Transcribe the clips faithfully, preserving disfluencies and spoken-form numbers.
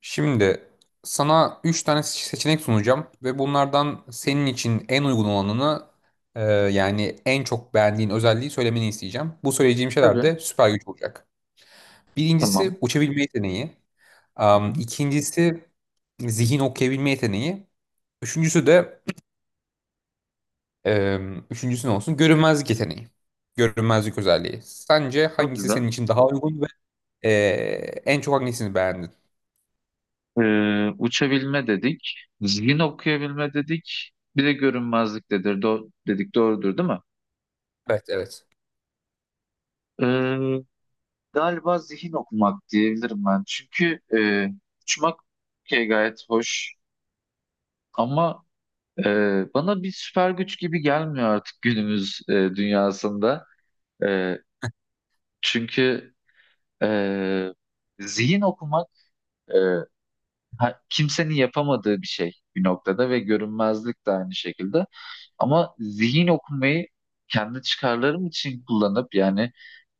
Şimdi sana üç tane se- seçenek sunacağım ve bunlardan senin için en uygun olanını e, yani en çok beğendiğin özelliği söylemeni isteyeceğim. Bu söyleyeceğim şeyler Tabii. de süper güç olacak. Tamam. Birincisi uçabilme yeteneği. Hı Am, hı. İkincisi zihin okuyabilme yeteneği. Üçüncüsü de em, üçüncüsü ne olsun? Görünmezlik yeteneği. Görünmezlik özelliği. Sence Çok hangisi güzel. senin için daha uygun ve e, en çok hangisini beğendin? Ee, uçabilme dedik. Zihin okuyabilme dedik. Bir de görünmezlik dedir, do dedik. Doğrudur değil mi? Evet, evet. Ee, Galiba zihin okumak diyebilirim ben. Çünkü e, uçmak okey, gayet hoş. Ama e, bana bir süper güç gibi gelmiyor artık günümüz e, dünyasında. E, Çünkü e, zihin okumak e, ha- kimsenin yapamadığı bir şey bir noktada ve görünmezlik de aynı şekilde. Ama zihin okumayı kendi çıkarlarım için kullanıp yani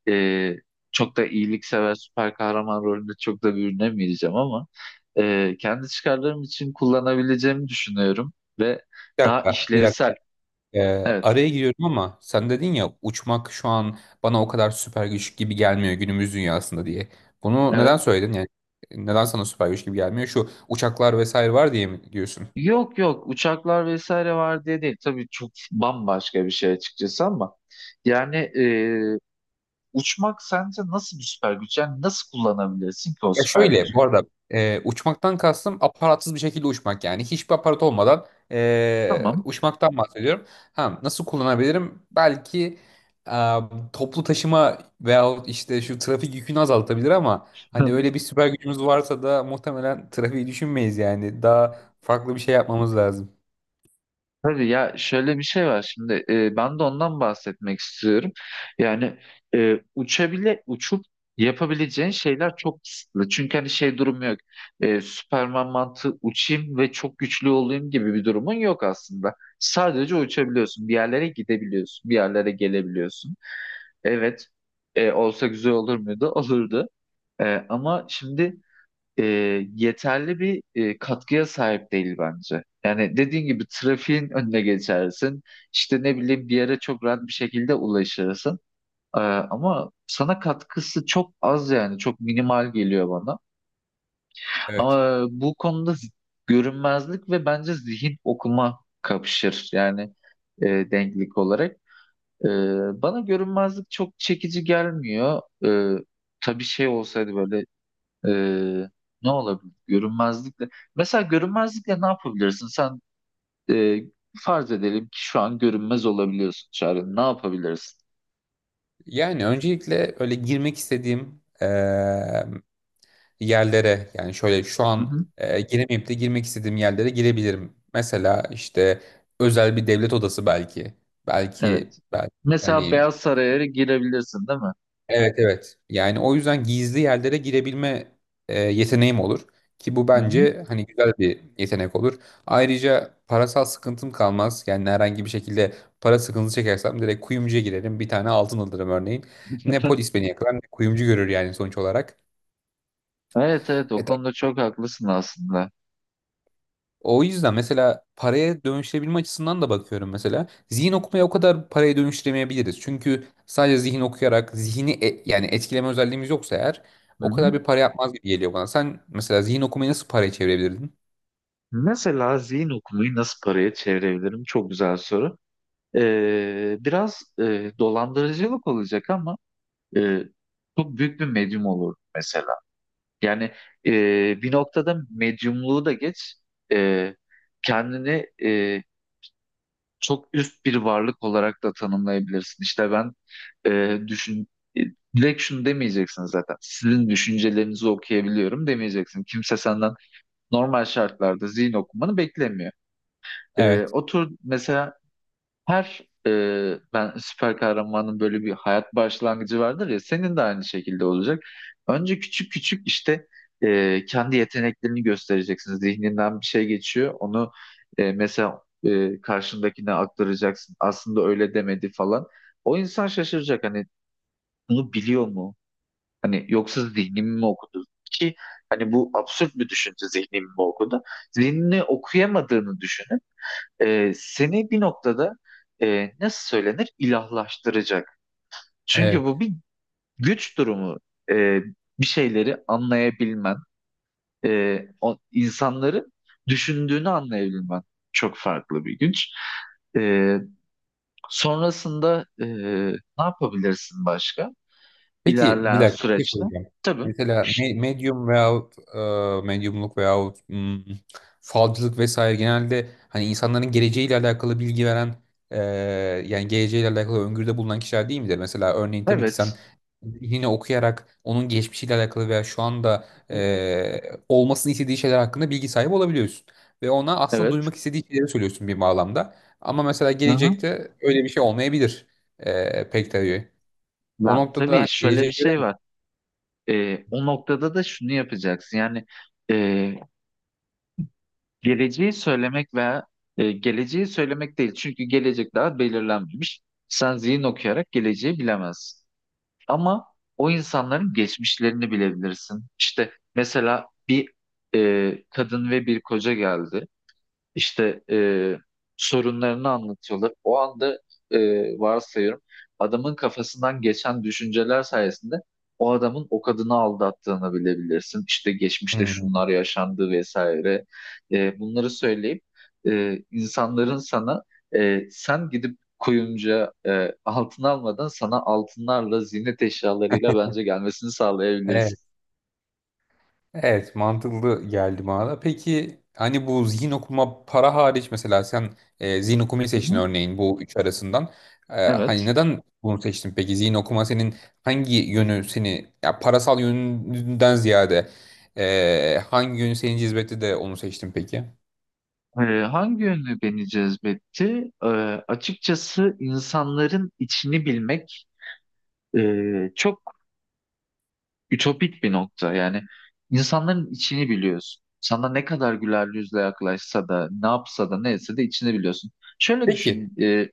e, çok da iyiliksever süper kahraman rolünde çok da bürünemeyeceğim ama e, kendi çıkarlarım için kullanabileceğimi düşünüyorum ve Bir daha dakika, bir dakika. işlevsel. Ee, Evet, Araya giriyorum ama sen dedin ya uçmak şu an bana o kadar süper güç gibi gelmiyor günümüz dünyasında diye. Bunu neden evet. söyledin yani? Neden sana süper güç gibi gelmiyor? Şu uçaklar vesaire var diye mi diyorsun? Yok yok, uçaklar vesaire var diye değil. Tabii çok bambaşka bir şey açıkçası ama yani uçmak sence nasıl bir süper güç? Yani nasıl kullanabilirsin ki o Ya süper gücü? şöyle bu arada e, uçmaktan kastım aparatsız bir şekilde uçmak, yani hiçbir aparat olmadan e, Tamam. uçmaktan bahsediyorum. Ha, nasıl kullanabilirim? Belki e, toplu taşıma veyahut işte şu trafik yükünü azaltabilir, ama hani öyle bir süper gücümüz varsa da muhtemelen trafiği düşünmeyiz, yani daha farklı bir şey yapmamız lazım. Hadi ya, şöyle bir şey var şimdi, e, ben de ondan bahsetmek istiyorum. Yani e, uçabile uçup yapabileceğin şeyler çok kısıtlı. Çünkü hani şey durumu yok. E, Süperman mantığı uçayım ve çok güçlü olayım gibi bir durumun yok aslında. Sadece uçabiliyorsun. Bir yerlere gidebiliyorsun. Bir yerlere gelebiliyorsun. Evet. E, olsa güzel olur muydu? Olurdu. E, ama şimdi e, yeterli bir e, katkıya sahip değil bence. Yani dediğin gibi trafiğin önüne geçersin. İşte ne bileyim, bir yere çok rahat bir şekilde ulaşırsın. E, ama sana katkısı çok az, yani çok minimal geliyor bana. Evet. Ama bu konuda z- görünmezlik ve bence zihin okuma kapışır, yani e, denklik olarak. E, Bana görünmezlik çok çekici gelmiyor. E, tabii şey olsaydı böyle, ee, ne olabilir görünmezlikle? Mesela görünmezlikle ne yapabilirsin? Sen e, farz edelim ki şu an görünmez olabiliyorsun Çağrı. Ne yapabilirsin? Yani öncelikle öyle girmek istediğim e, yerlere, yani şöyle şu Hı an hı. e, giremeyip de girmek istediğim yerlere girebilirim. Mesela işte özel bir devlet odası belki. Belki, Evet. belki, Mesela yani Beyaz Saray'a girebilirsin, değil mi? evet, evet. Yani o yüzden gizli yerlere girebilme e, yeteneğim olur ki bu Hı hı. bence hani güzel bir yetenek olur. Ayrıca parasal sıkıntım kalmaz. Yani herhangi bir şekilde para sıkıntısı çekersem direkt kuyumcuya girerim. Bir tane altın alırım örneğin. Ne polis beni yakalar ne kuyumcu görür, yani sonuç olarak. Evet evet, o E konuda çok haklısın aslında. O yüzden mesela paraya dönüştürebilme açısından da bakıyorum mesela. Zihin okumaya o kadar paraya dönüştüremeyebiliriz. Çünkü sadece zihin okuyarak zihni e- yani etkileme özelliğimiz yoksa eğer Hı o hı. kadar bir para yapmaz gibi geliyor bana. Sen mesela zihin okumayı nasıl paraya çevirebilirdin? Mesela zihin okumayı nasıl paraya çevirebilirim? Çok güzel soru. Ee, biraz e, dolandırıcılık olacak ama e, çok büyük bir medyum olur mesela. Yani e, Bir noktada medyumluğu da geç, e, kendini e, çok üst bir varlık olarak da tanımlayabilirsin. İşte ben, e, düşün, e, direkt şunu demeyeceksin zaten. Sizin düşüncelerinizi okuyabiliyorum demeyeceksin. Kimse senden normal şartlarda zihin okumanı beklemiyor. E, Evet. Otur mesela her e, ben, süper kahramanın böyle bir hayat başlangıcı vardır ya, senin de aynı şekilde olacak. Önce küçük küçük, işte e, kendi yeteneklerini göstereceksin. Zihninden bir şey geçiyor. Onu e, mesela e, karşındakine aktaracaksın. Aslında öyle demedi falan. O insan şaşıracak, hani bunu biliyor mu? Hani yoksa zihnimi mi okudu? Ki hani bu absürt bir düşünce, zihnimi mi okudu? Zihnini okuyamadığını düşünün, e, seni bir noktada e, nasıl söylenir, ilahlaştıracak. Çünkü Evet. bu bir güç durumu. E, Bir şeyleri anlayabilmen, e, o, insanların düşündüğünü anlayabilmen çok farklı bir güç. E, Sonrasında e, ne yapabilirsin başka? Peki, bir İlerleyen dakika, bir şey süreçte. soracağım. Tabii. Mesela me- medium veyahut e, medyumluk veyahut hmm, falcılık vesaire, genelde hani insanların geleceğiyle alakalı bilgi veren, e, yani geleceğiyle alakalı öngörüde bulunan kişiler değil midir? Mesela örneğin tabii ki sen Evet. zihnini okuyarak onun geçmişiyle alakalı veya şu anda e, olmasını istediği şeyler hakkında bilgi sahibi olabiliyorsun. Ve ona aslında Evet. duymak istediği şeyleri söylüyorsun bir bağlamda. Ama mesela Aha. gelecekte öyle bir şey olmayabilir e, pek tabii. O Ya, noktada tabii hani şöyle bir geleceğe şey göre. var. Ee, o noktada da şunu yapacaksın. Yani e, Geleceği söylemek veya e, geleceği söylemek değil. Çünkü gelecek daha belirlenmemiş. Sen zihin okuyarak geleceği bilemezsin. Ama o insanların geçmişlerini bilebilirsin. İşte mesela bir e, kadın ve bir koca geldi. İşte, e, sorunlarını anlatıyorlar. O anda, e, varsayıyorum, adamın kafasından geçen düşünceler sayesinde o adamın o kadını aldattığını bilebilirsin. İşte geçmişte Hmm. şunlar yaşandı vesaire. E, bunları söyleyip e, insanların sana, e, sen gidip kuyumcuya e, altın almadan, sana altınlarla ziynet eşyalarıyla bence gelmesini Evet, sağlayabilirsin. evet mantıklı geldi bana da. Peki hani bu zihin okuma para hariç, mesela sen e, zihin okumayı Hı seçtin hı. örneğin bu üç arasından. E, hani Evet. neden bunu seçtin peki? Zihin okuma senin hangi yönü seni, ya parasal yönünden ziyade e, hangi yönü seni cezbetti de onu seçtin peki? Ee, Hangi yönlü beni cezbetti? Ee, açıkçası insanların içini bilmek e, çok ütopik bir nokta. Yani insanların içini biliyorsun. Sana ne kadar güler yüzle yaklaşsa da, ne yapsa da, neyse de içini biliyorsun. Şöyle Peki. düşün, e,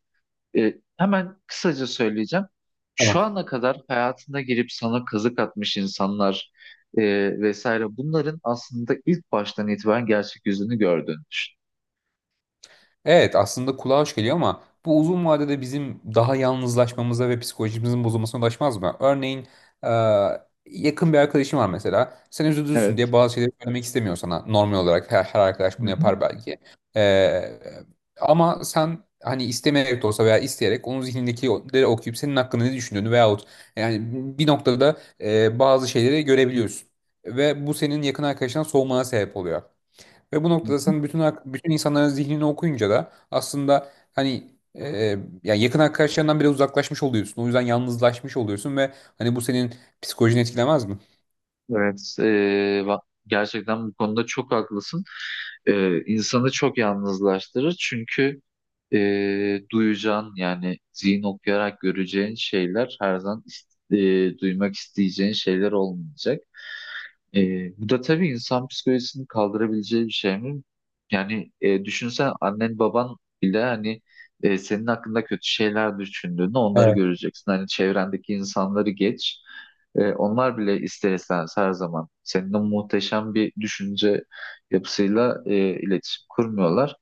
e, hemen kısaca söyleyeceğim. Şu ana kadar hayatına girip sana kazık atmış insanlar e, vesaire, bunların aslında ilk baştan itibaren gerçek yüzünü gördüğünü düşün. Evet aslında kulağa hoş geliyor, ama bu uzun vadede bizim daha yalnızlaşmamıza ve psikolojimizin bozulmasına ulaşmaz mı? Örneğin e, yakın bir arkadaşım var mesela. Sen üzülürsün Evet. diye bazı şeyleri söylemek istemiyor sana. Normal olarak her, her arkadaş bunu Hı yapar belki. E, ama sen hani istemeyerek de olsa veya isteyerek onun zihnindekileri okuyup senin hakkında ne düşündüğünü veyahut yani bir noktada e, bazı şeyleri görebiliyorsun. Ve bu senin yakın arkadaşından soğumana sebep oluyor. Ve bu hı. noktada sen bütün ak- bütün insanların zihnini okuyunca da aslında hani e, yani yakın arkadaşlarından bile uzaklaşmış oluyorsun. O yüzden yalnızlaşmış oluyorsun ve hani bu senin psikolojini etkilemez mi? Evet, eee, va- Gerçekten bu konuda çok haklısın. Eee insanı çok yalnızlaştırır, çünkü eee duyacağın, yani zihin okuyarak göreceğin şeyler her zaman ist- eee, duymak isteyeceğin şeyler olmayacak. Ee, bu da tabii insan psikolojisini kaldırabileceği bir şey mi? Yani e, düşünsen annen baban bile, hani e, senin hakkında kötü şeyler düşündüğünü, onları Evet. göreceksin. Hani çevrendeki insanları geç. E, onlar bile ister istemez her zaman seninle muhteşem bir düşünce yapısıyla e, iletişim kurmuyorlar.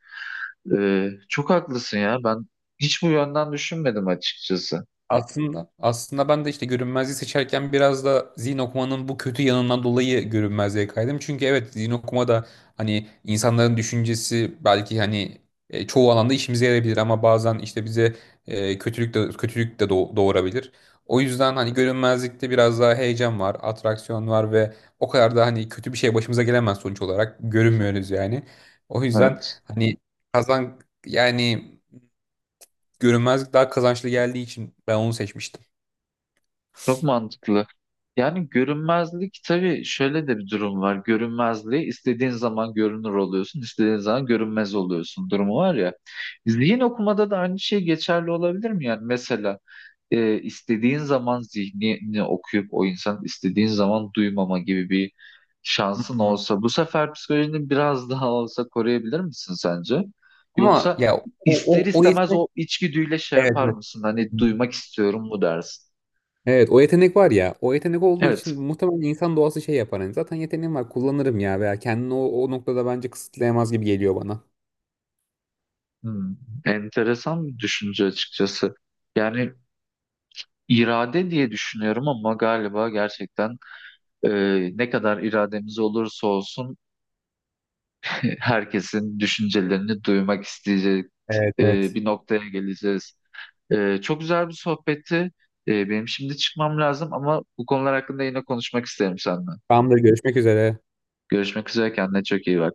E, çok haklısın ya, ben hiç bu yönden düşünmedim açıkçası. Aslında aslında ben de işte görünmezliği seçerken biraz da zihin okumanın bu kötü yanından dolayı görünmezliğe kaydım. Çünkü evet zihin okuma da hani insanların düşüncesi belki hani e, çoğu alanda işimize yarayabilir, ama bazen işte bize e, kötülük de kötülük de doğ- doğurabilir. O yüzden hani görünmezlikte biraz daha heyecan var, atraksiyon var ve o kadar da hani kötü bir şey başımıza gelemez, sonuç olarak görünmüyoruz yani. O yüzden Evet, hani kazan, yani görünmezlik daha kazançlı geldiği için ben onu seçmiştim. çok mantıklı. Yani görünmezlik, tabii şöyle de bir durum var. Görünmezliği istediğin zaman görünür oluyorsun, istediğin zaman görünmez oluyorsun durumu var ya. Zihin okumada da aynı şey geçerli olabilir mi? Yani mesela e, istediğin zaman zihnini okuyup o insan istediğin zaman duymama gibi bir şansın Hmm. olsa, bu sefer psikolojini biraz daha olsa koruyabilir misin sence? Ama Yoksa ya o, ister o, o istemez yetenek o içgüdüyle şey evet, yapar evet. mısın? Hani Hı. duymak istiyorum mu dersin? Evet o yetenek var ya. O yetenek olduğu Evet. için muhtemelen insan doğası şey yapar. Hani zaten yeteneğim var kullanırım ya, veya kendini o, o noktada bence kısıtlayamaz gibi geliyor bana. Hmm, enteresan bir düşünce açıkçası. Yani irade diye düşünüyorum ama galiba gerçekten e, ne kadar irademiz olursa olsun e, herkesin düşüncelerini duymak isteyecek Evet, e, evet. bir noktaya geleceğiz. E, çok güzel bir sohbetti. E, benim şimdi çıkmam lazım ama bu konular hakkında yine konuşmak isterim seninle. Tamamdır, görüşmek üzere. Görüşmek üzere, kendine çok iyi bak.